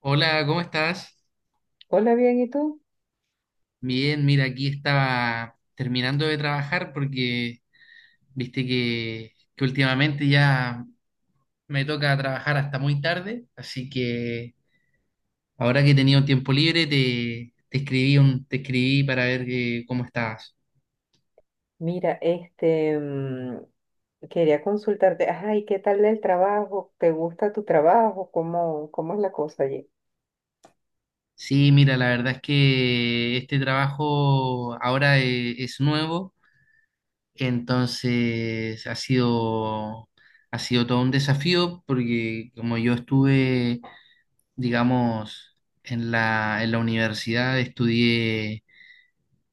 Hola, ¿cómo estás? Hola, bien, ¿y tú? Bien, mira, aquí estaba terminando de trabajar porque viste que últimamente ya me toca trabajar hasta muy tarde, así que ahora que he tenido tiempo libre te escribí te escribí para ver cómo estabas. Mira, quería consultarte, ay, ¿qué tal el trabajo? ¿Te gusta tu trabajo? ¿Cómo es la cosa allí? Sí, mira, la verdad es que este trabajo ahora es nuevo, entonces ha sido todo un desafío porque como yo estuve digamos, en la universidad estudié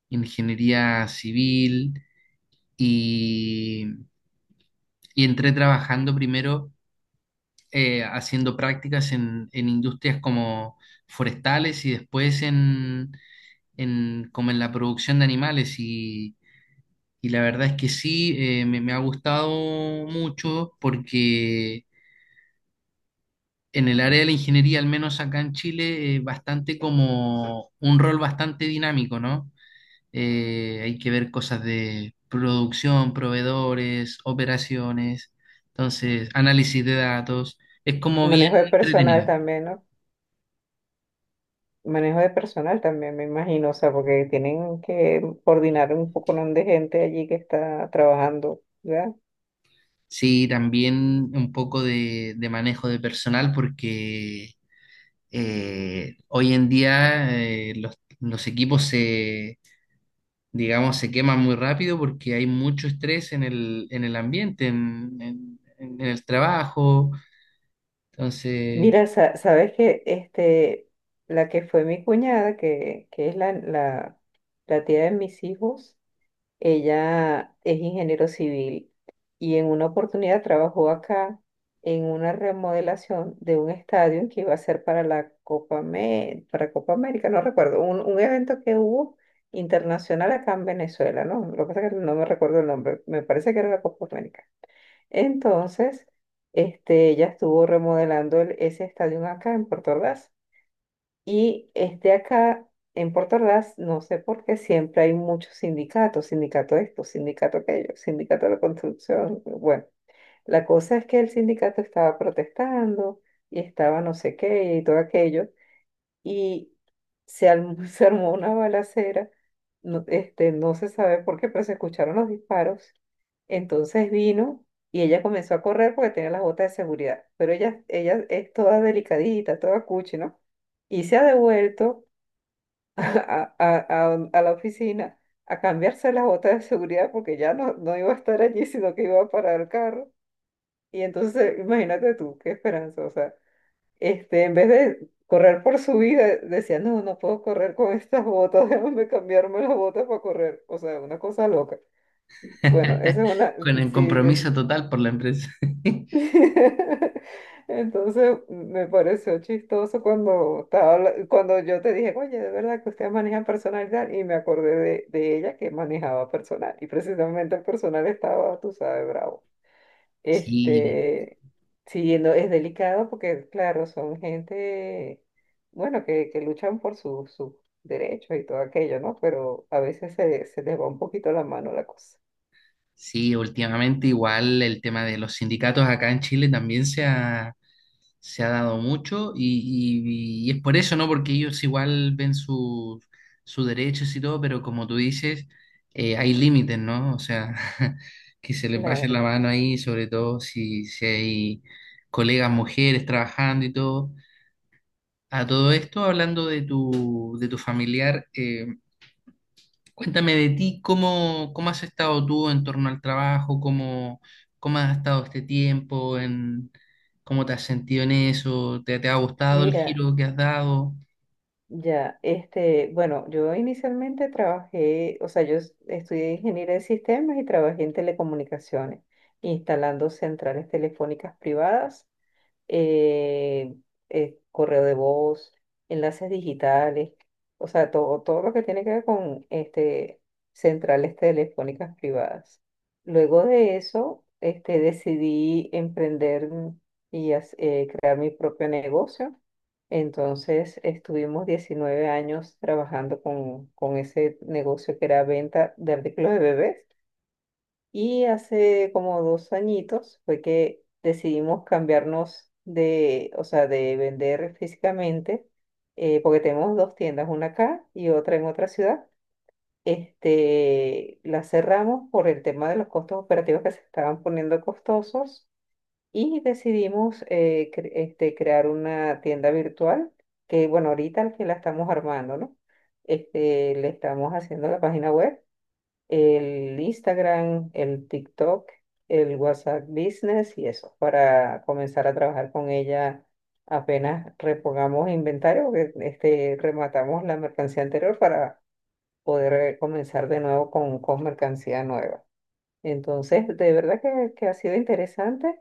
ingeniería civil y, y entré trabajando primero haciendo prácticas en industrias como forestales y después como en la producción de animales y la verdad es que sí, me ha gustado mucho porque... En el área de la ingeniería, al menos acá en Chile, bastante como un rol bastante dinámico, ¿no? Hay que ver cosas de producción, proveedores, operaciones, entonces análisis de datos, es como bien Manejo de personal entretenido. también, ¿no? Manejo de personal también, me imagino, o sea, porque tienen que coordinar un poco, ¿no?, de gente allí que está trabajando, ¿verdad? Sí, también un poco de manejo de personal porque hoy en día los equipos se, digamos, se queman muy rápido porque hay mucho estrés en el ambiente, en, en el trabajo, entonces... Mira, sabes que este, la que fue mi cuñada, que es la tía de mis hijos. Ella es ingeniero civil y en una oportunidad trabajó acá en una remodelación de un estadio que iba a ser para la para Copa América, no recuerdo, un evento que hubo internacional acá en Venezuela, ¿no? Lo que pasa es que no me recuerdo el nombre, me parece que era la Copa América. Entonces, este, ella estuvo remodelando ese estadio acá en Puerto Ordaz. Y este acá, en Puerto Ordaz, no sé por qué siempre hay muchos sindicatos, sindicato esto, sindicato aquello, sindicato de la construcción. Bueno, la cosa es que el sindicato estaba protestando y estaba no sé qué y todo aquello y se armó una balacera, no, este, no se sabe por qué, pero se escucharon los disparos. Entonces vino y ella comenzó a correr porque tenía las botas de seguridad, pero ella es toda delicadita, toda cuchi, ¿no? Y se ha devuelto a, a, a la oficina a cambiarse las botas de seguridad porque ya no, no iba a estar allí, sino que iba a parar el carro. Y entonces, imagínate tú, qué esperanza, o sea. Este, en vez de correr por su vida, decía, no, no puedo correr con estas botas, déjame cambiarme las botas para correr. O sea, una cosa loca. Bueno, esa es una, Con el sí, es... compromiso total por la empresa. Entonces me pareció chistoso cuando cuando yo te dije, oye, de verdad que usted maneja personalidad y me acordé de ella que manejaba personal y precisamente el personal estaba, tú sabes, bravo. Sí, Este, sí, no, es delicado porque, claro, son gente, bueno, que luchan por sus derechos y todo aquello, ¿no? Pero a veces se les va un poquito la mano la cosa. sí, últimamente igual el tema de los sindicatos acá en Chile también se ha dado mucho y, y es por eso, ¿no? Porque ellos igual ven sus sus derechos y todo, pero como tú dices, hay límites, ¿no? O sea, que se les pase la Claro. mano ahí, sobre todo si, si hay colegas mujeres trabajando y todo. A todo esto, hablando de tu familiar, cuéntame de ti, ¿cómo, cómo has estado tú en torno al trabajo? ¿Cómo, cómo has estado este tiempo? ¿Cómo te has sentido en eso? ¿Te, te ha gustado el Mira, giro que has dado? ya, este, bueno, yo inicialmente trabajé, o sea, estudié ingeniería de sistemas y trabajé en telecomunicaciones, instalando centrales telefónicas privadas, eh, correo de voz, enlaces digitales, o sea, todo lo que tiene que ver con este, centrales telefónicas privadas. Luego de eso, este, decidí emprender y crear mi propio negocio. Entonces, estuvimos 19 años trabajando con ese negocio que era venta de artículos de bebés. Y hace como dos añitos fue que decidimos cambiarnos de, o sea, de vender físicamente, porque tenemos dos tiendas, una acá y otra en otra ciudad. Este, la cerramos por el tema de los costos operativos que se estaban poniendo costosos y decidimos este, crear una tienda virtual que, bueno, ahorita que la estamos armando, ¿no? Este, le estamos haciendo la página web, el Instagram, el TikTok, el WhatsApp Business y eso, para comenzar a trabajar con ella apenas repongamos inventario, que, este, rematamos la mercancía anterior para poder comenzar de nuevo con mercancía nueva. Entonces, de verdad que ha sido interesante.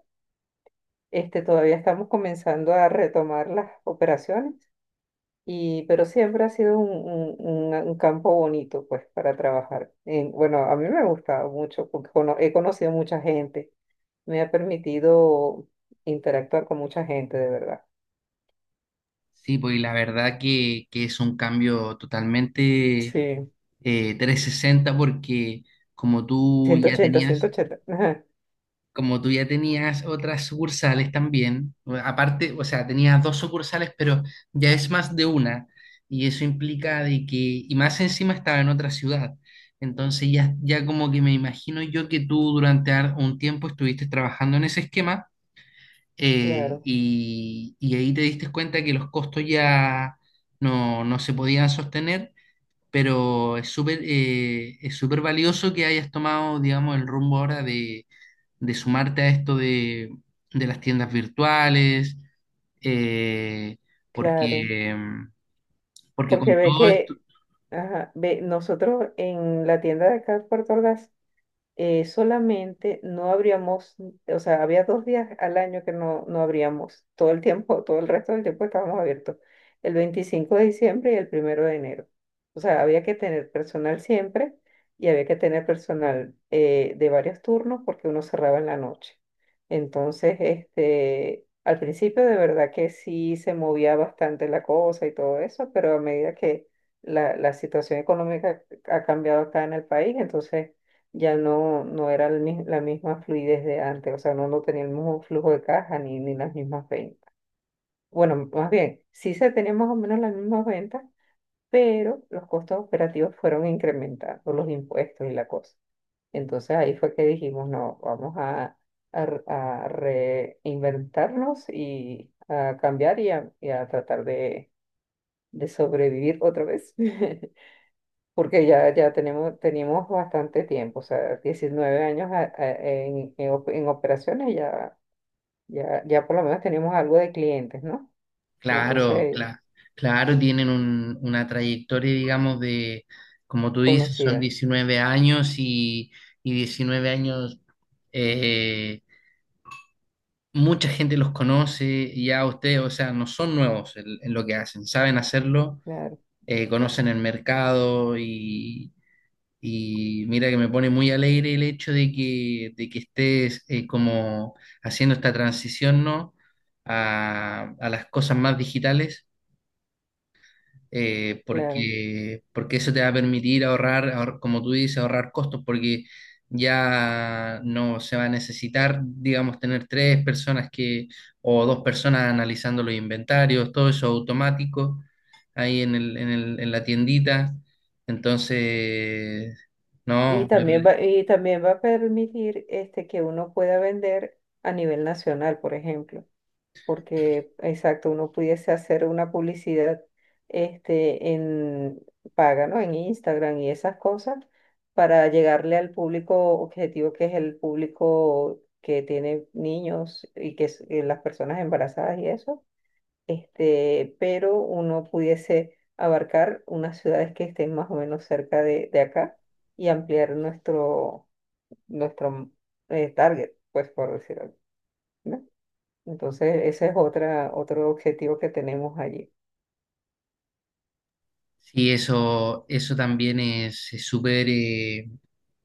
Este, todavía estamos comenzando a retomar las operaciones y, pero siempre ha sido un campo bonito, pues, para trabajar. En- bueno, a mí me ha gustado mucho porque he conocido mucha gente. Me ha permitido interactuar con mucha gente, de verdad. Sí, pues y la verdad que es un cambio totalmente Sí, 360 porque como tú ya 180, tenías, 180. Ajá, como tú ya tenías otras sucursales también, aparte, o sea, tenías dos sucursales, pero ya es más de una, y eso implica de que, y más encima estaba en otra ciudad. Entonces ya como que me imagino yo que tú durante un tiempo estuviste trabajando en ese esquema claro, y ahí te diste cuenta que los costos ya no se podían sostener, pero es súper valioso que hayas tomado, digamos, el rumbo ahora de sumarte a esto de las tiendas virtuales, eh, claro. porque, mm, porque Porque con ve todo esto, que, ajá, ve, nosotros en la tienda de acá de Puerto solamente no abríamos, o sea, había dos días al año que no, no abríamos, todo el tiempo, todo el resto del tiempo estábamos abiertos, el 25 de diciembre y el primero de enero. O sea, había que tener personal siempre y había que tener personal de varios turnos porque uno cerraba en la noche. Entonces, este, al principio de verdad que sí se movía bastante la cosa y todo eso, pero a medida que la situación económica ha cambiado acá en el país, entonces ya no, no era la misma fluidez de antes, o sea, no, no tenía el mismo flujo de caja ni las mismas ventas. Bueno, más bien, sí se tenían más o menos las mismas ventas, pero los costos operativos fueron incrementando, los impuestos y la cosa. Entonces ahí fue que dijimos, no, vamos a, a reinventarnos y a cambiar y a tratar de sobrevivir otra vez. Porque ya, ya tenemos, tenemos bastante tiempo, o sea, 19 años en operaciones ya, ya por lo menos tenemos algo de clientes, ¿no? claro, Entonces, claro, tienen una trayectoria, digamos, de, como tú dices, son conocida, 19 años y 19 años, eh, mucha gente los conoce, ya ustedes, o sea, no son nuevos en lo que hacen, saben hacerlo, claro, conocen el mercado. Y mira que me pone muy alegre el hecho de que estés como haciendo esta transición, ¿no? A las cosas más digitales, claro. porque, porque eso te va a permitir ahorrar, como tú dices, ahorrar costos, porque ya no se va a necesitar, digamos, tener tres personas que, o dos personas analizando los inventarios, todo eso automático ahí en la tiendita. Entonces, no, me parece. Y también va a permitir este, que uno pueda vender a nivel nacional, por ejemplo. Porque, exacto, uno pudiese hacer una publicidad este, en paga, ¿no? En Instagram y esas cosas para llegarle al público objetivo que es el público que tiene niños y que es las personas embarazadas y eso, este, pero uno pudiese abarcar unas ciudades que estén más o menos cerca de acá y ampliar nuestro, nuestro target, pues por decirlo. ¿No? Entonces, ese es otra, otro objetivo que tenemos allí. Sí, eso también es súper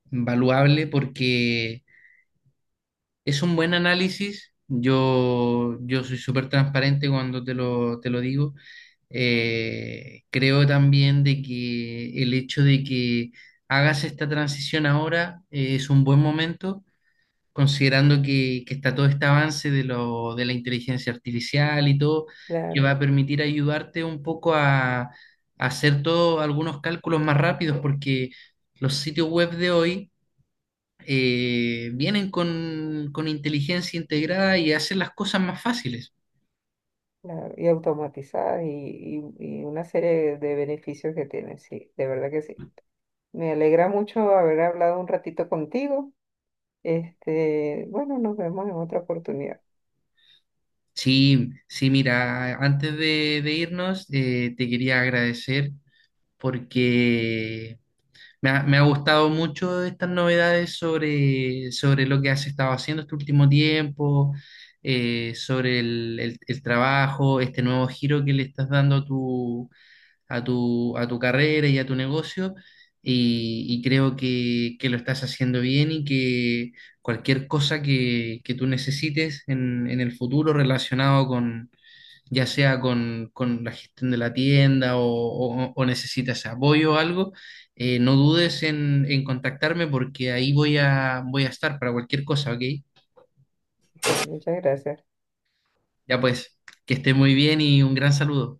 valuable porque es un buen análisis. Yo soy súper transparente cuando te te lo digo. Creo también de que el hecho de que hagas esta transición ahora es un buen momento considerando que está todo este avance de la inteligencia artificial y todo, que va Claro, a permitir ayudarte un poco a hacer todos algunos cálculos más rápidos, porque los sitios web de hoy vienen con inteligencia integrada y hacen las cosas más fáciles. claro. Y automatizadas y una serie de beneficios que tienen, sí, de verdad que sí. Me alegra mucho haber hablado un ratito contigo. Este, bueno, nos vemos en otra oportunidad. Sí, sí, mira, antes de irnos, te quería agradecer porque me ha gustado mucho estas novedades sobre, sobre lo que has estado haciendo este último tiempo, sobre el trabajo, este nuevo giro que le estás dando a tu, a tu carrera y a tu negocio. Y creo que lo estás haciendo bien y que cualquier cosa que tú necesites en el futuro relacionado ya sea con la gestión de la tienda o, o necesitas apoyo o algo, no dudes en contactarme porque ahí voy a, voy a estar para cualquier cosa, ¿ok? Ok, muchas gracias. Ya pues, que esté muy bien y un gran saludo.